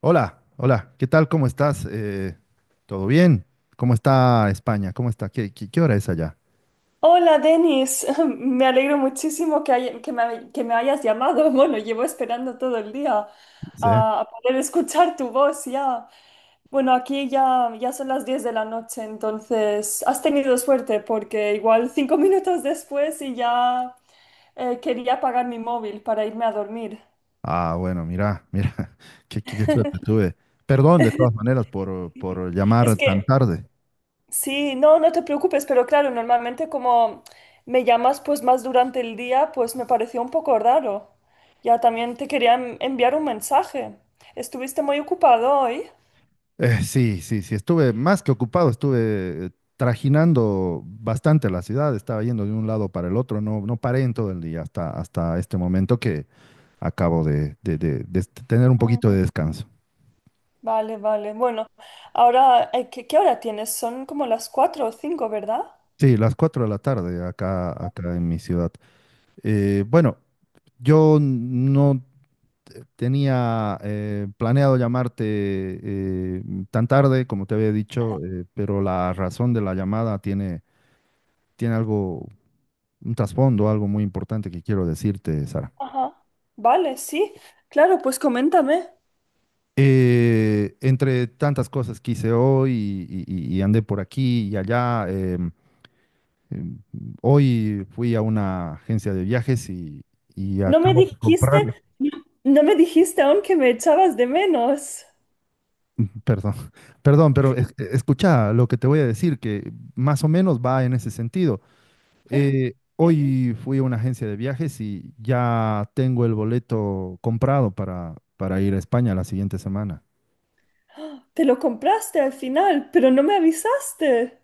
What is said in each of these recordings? Hola, hola, ¿qué tal? ¿Cómo estás? ¿Todo bien? ¿Cómo está España? ¿Cómo está? ¿Qué hora es allá? Hola, Denis. Me alegro muchísimo que, haya- que, me, hay- que me hayas llamado. Bueno, llevo esperando todo el día ¿Sí? a poder escuchar tu voz ya. Bueno, aquí ya son las 10 de la noche, entonces has tenido suerte porque igual 5 minutos después y ya quería apagar mi móvil para irme a dormir. Ah, bueno, mira, mira, qué suerte tuve. Perdón, de todas maneras, por llamar Es tan que tarde. sí, no te preocupes, pero claro, normalmente como me llamas pues más durante el día, pues me pareció un poco raro. Ya también te quería enviar un mensaje. ¿Estuviste muy ocupado hoy? Sí, sí, sí, estuve más que ocupado, estuve trajinando bastante la ciudad, estaba yendo de un lado para el otro, no paré en todo el día hasta este momento que acabo de tener un Mm. poquito de descanso. Vale, vale. Bueno, ahora, qué hora tienes? Son como las 4 o 5, ¿verdad? Sí, las 4 de la tarde acá, acá en mi ciudad. Bueno, yo no tenía planeado llamarte eh, tan tarde, como te había dicho, pero la razón de la llamada tiene algo, un trasfondo, algo muy importante que quiero decirte, Sara. Ajá. Vale, sí. Claro, pues coméntame. Entre tantas cosas que hice hoy y andé por aquí y allá, em, hoy fui a una agencia de viajes y No me acabo de dijiste, comprar. no me dijiste aún que me echabas de menos. Perdón, perdón, pero escucha lo que te voy a decir, que más o menos va en ese sentido. Sí. Hoy fui a una agencia de viajes y ya tengo el boleto comprado para ir a España la siguiente semana. Te lo compraste al final, pero no me avisaste.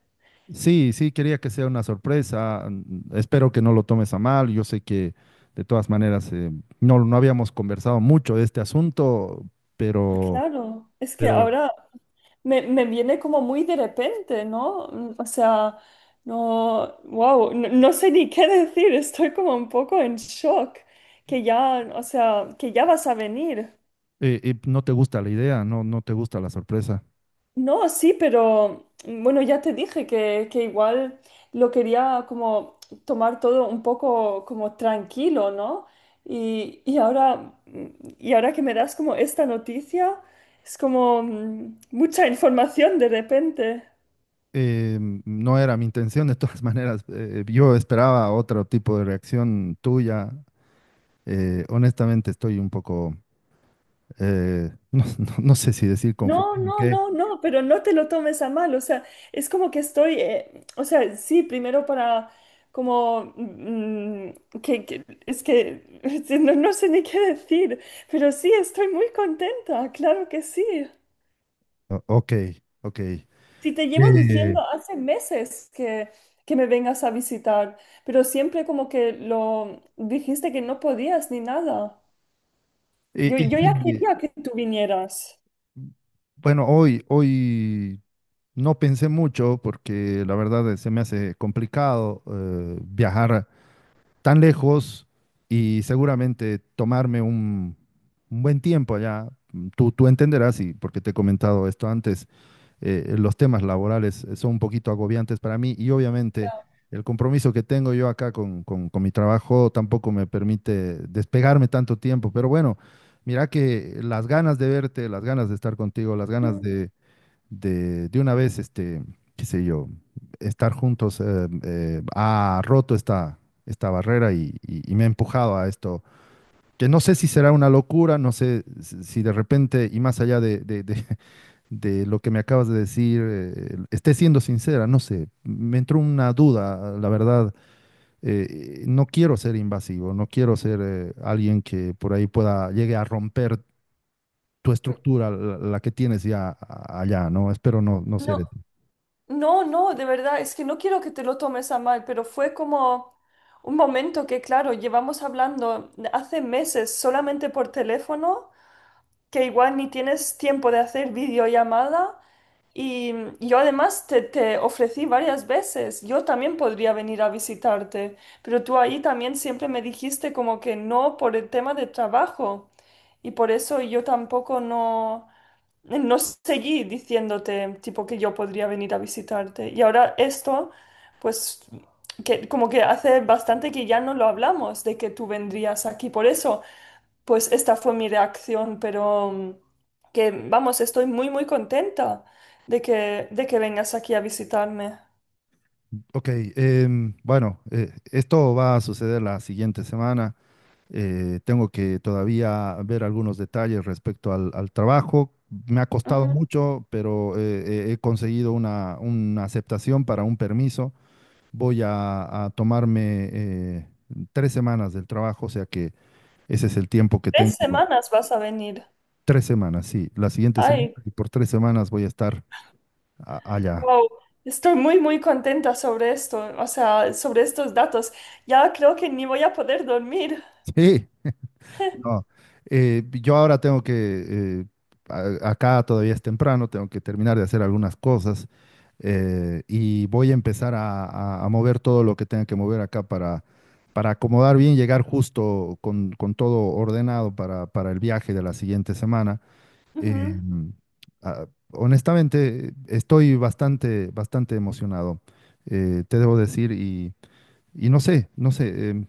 Sí, sí, quería que sea una sorpresa. Espero que no lo tomes a mal. Yo sé que de todas maneras no habíamos conversado mucho de este asunto, pero, Claro, es que pero ahora me viene como muy de repente, ¿no? O sea, no, wow, no sé ni qué decir, estoy como un poco en shock, que ya, o sea, que ya vas a venir. No te gusta la idea, no te gusta la sorpresa. No, sí, pero bueno, ya te dije que igual lo quería como tomar todo un poco como tranquilo, ¿no? Y ahora, mm, y ahora que me das como esta noticia, es como mucha información de repente. eh, no era mi intención, de todas maneras, yo esperaba otro tipo de reacción tuya. Honestamente, estoy un poco, no sé si decir No, confundido. no, ¿Qué? no, no, pero no te lo tomes a mal, o sea, es como que estoy, o sea, sí, primero para como, es que no sé ni qué decir, pero sí, estoy muy contenta, claro que sí. Ok, ok. Si te llevo Eh, diciendo hace meses que me vengas a visitar, pero siempre como que lo dijiste que no podías ni nada. y- Yo, y yo ya sí, quería que tú vinieras. bueno, hoy no pensé mucho porque la verdad se me hace complicado viajar tan lejos y seguramente tomarme un buen tiempo allá. Tú entenderás, y porque te he comentado esto antes, los temas laborales son un poquito agobiantes para mí y obviamente Ya. el compromiso que tengo yo acá con mi trabajo tampoco me permite despegarme tanto tiempo, pero bueno, mira que las ganas de verte, las ganas de estar contigo, las ganas Mm, de una vez, qué sé yo, estar juntos ha roto esta barrera y me ha empujado a esto, que no sé si será una locura, no sé si de repente, y más allá de lo que me acabas de decir, esté siendo sincera, no sé, me entró una duda, la verdad, no quiero ser invasivo, no quiero ser alguien que por ahí pueda, llegue a romper tu mm. estructura, la que tienes ya allá, ¿no? Espero no No, ser. no, no, de verdad, es que no quiero que te lo tomes a mal, pero fue como un momento que, claro, llevamos hablando hace meses solamente por teléfono, que igual ni tienes tiempo de hacer videollamada y y yo además te ofrecí varias veces, yo también podría venir a visitarte, pero tú ahí también siempre me dijiste como que no por el tema de trabajo y por eso yo tampoco no seguí diciéndote tipo que yo podría venir a visitarte. Y ahora esto, pues que como que hace bastante que ya no lo hablamos de que tú vendrías aquí. Por eso, pues esta fue mi reacción, pero que vamos, estoy muy muy contenta de que vengas aquí a visitarme. Ok. Bueno, esto va a suceder la siguiente semana. Tengo que todavía ver algunos detalles respecto al trabajo. Me ha costado Ujú. mucho, pero he conseguido una aceptación para un permiso. Voy a tomarme tres semanas del trabajo, o sea que ese es el tiempo que Tres tengo. semanas vas a venir. Tres semanas, sí. La siguiente semana Ay, y por tres semanas voy a estar allá. wow. Estoy muy, muy contenta sobre esto, o sea, sobre estos datos. Ya creo que ni voy a poder dormir. Sí. No, yo ahora tengo que. eh, Acá todavía es temprano, tengo que terminar de hacer algunas cosas y voy a empezar a mover todo lo que tenga que mover acá para acomodar bien, llegar justo con todo ordenado para el viaje de la siguiente semana. Ujú. Em, ah, honestamente, estoy bastante, bastante emocionado, te debo decir, y no sé, no sé.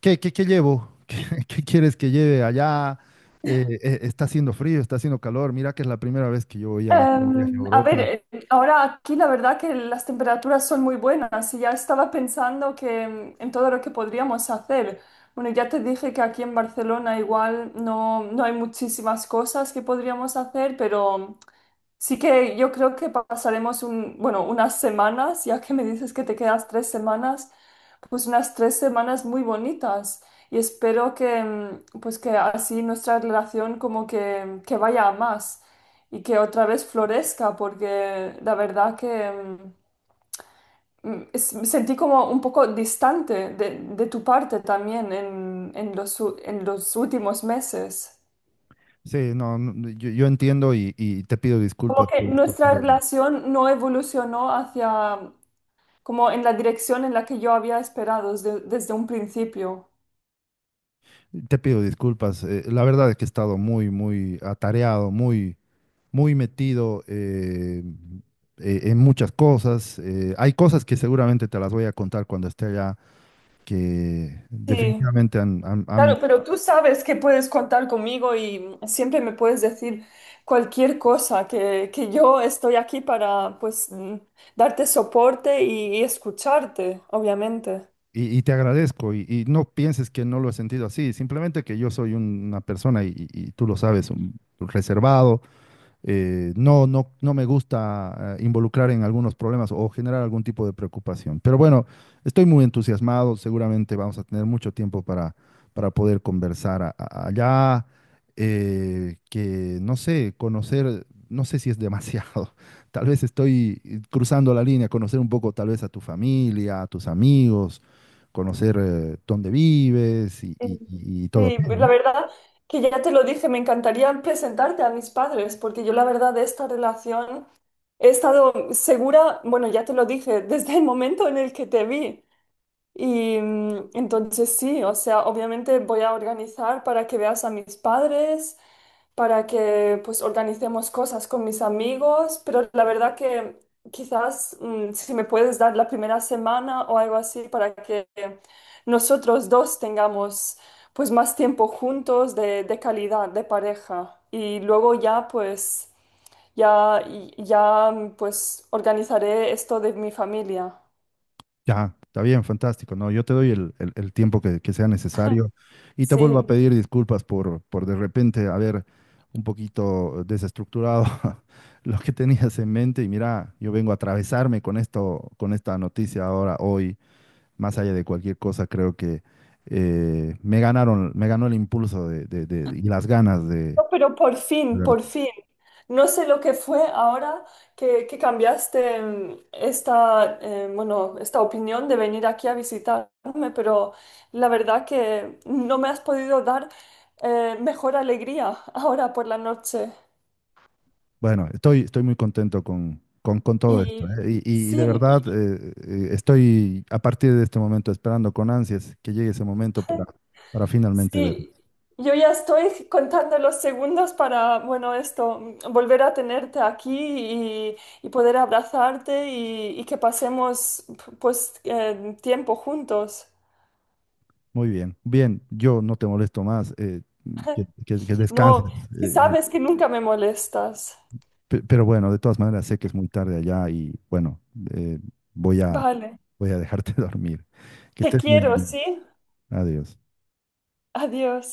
¿Qué llevo? ¿Qué quieres que lleve allá? Está haciendo frío, está haciendo calor. Mira que es la primera vez que yo voy a un viaje a A ver, Europa. Ahora aquí la verdad que las temperaturas son muy buenas y ya estaba pensando que en todo lo que podríamos hacer. Bueno, ya te dije que aquí en Barcelona igual no hay muchísimas cosas que podríamos hacer, pero sí que yo creo que pasaremos un, bueno, unas semanas, ya que me dices que te quedas 3 semanas, pues unas 3 semanas muy bonitas y espero que, pues que así nuestra relación como que vaya a más y que otra vez florezca, porque la verdad que me sentí como un poco distante de tu parte también en los, en los últimos meses. Sí, no, no, no, yo entiendo y te pido Como disculpas que por esto, nuestra pero relación no evolucionó hacia como en la dirección en la que yo había esperado desde un principio. te pido disculpas. La verdad es que he estado muy, muy atareado, muy, muy metido en muchas cosas. Hay cosas que seguramente te las voy a contar cuando esté allá, que Sí, definitivamente han. claro, pero tú sabes que puedes contar conmigo y siempre me puedes decir cualquier cosa, que yo estoy aquí para, pues, darte soporte y escucharte, obviamente. Y te agradezco y no pienses que no lo he sentido así, simplemente que yo soy una persona y tú lo sabes, reservado, no me gusta involucrar en algunos problemas o generar algún tipo de preocupación. Pero bueno, estoy muy entusiasmado, seguramente vamos a tener mucho tiempo para poder conversar allá, que no sé, conocer, no sé si es demasiado, tal vez estoy cruzando la línea, conocer un poco tal vez a tu familia, a tus amigos, conocer dónde vives y, y- Sí. y- y todo Sí, aquello, la ¿no? verdad que ya te lo dije, me encantaría presentarte a mis padres, porque yo la verdad de esta relación he estado segura, bueno, ya te lo dije, desde el momento en el que te vi. Y entonces sí, o sea, obviamente voy a organizar para que veas a mis padres, para que pues organicemos cosas con mis amigos, pero la verdad que quizás si me puedes dar la primera semana o algo así para que nosotros dos tengamos pues más tiempo juntos de calidad, de pareja. Y luego ya pues ya, ya pues organizaré esto de mi familia. Ya, está bien, fantástico. No, yo te doy el tiempo que sea necesario y te vuelvo a, sí, Sí. pedir disculpas por de repente haber un poquito desestructurado lo que tenías en mente. Y mira, yo vengo a atravesarme con esto, con esta noticia ahora, hoy, más allá de cualquier cosa, creo que me ganaron, me ganó el impulso y las ganas de. No, pero por fin, por fin. No sé lo que fue ahora que cambiaste esta, bueno, esta opinión de venir aquí a visitarme, pero la verdad que no me has podido dar mejor alegría ahora por la noche. Bueno, estoy muy contento con todo esto, Y ¿eh? Y de sí. verdad estoy a partir de este momento esperando con ansias que llegue ese momento para finalmente ver. Sí, yo ya estoy contando los segundos para, bueno, esto, volver a tenerte aquí y poder abrazarte y que pasemos, pues, tiempo juntos. Muy bien, bien, yo no te molesto más, que descanses, No, que eh, eh, sabes que nunca me molestas. Pero bueno, de todas maneras sé que es muy tarde allá y bueno, eh, voy a, Vale, voy a dejarte dormir. Que te estés muy quiero, bien. ¿sí? Adiós. Adiós.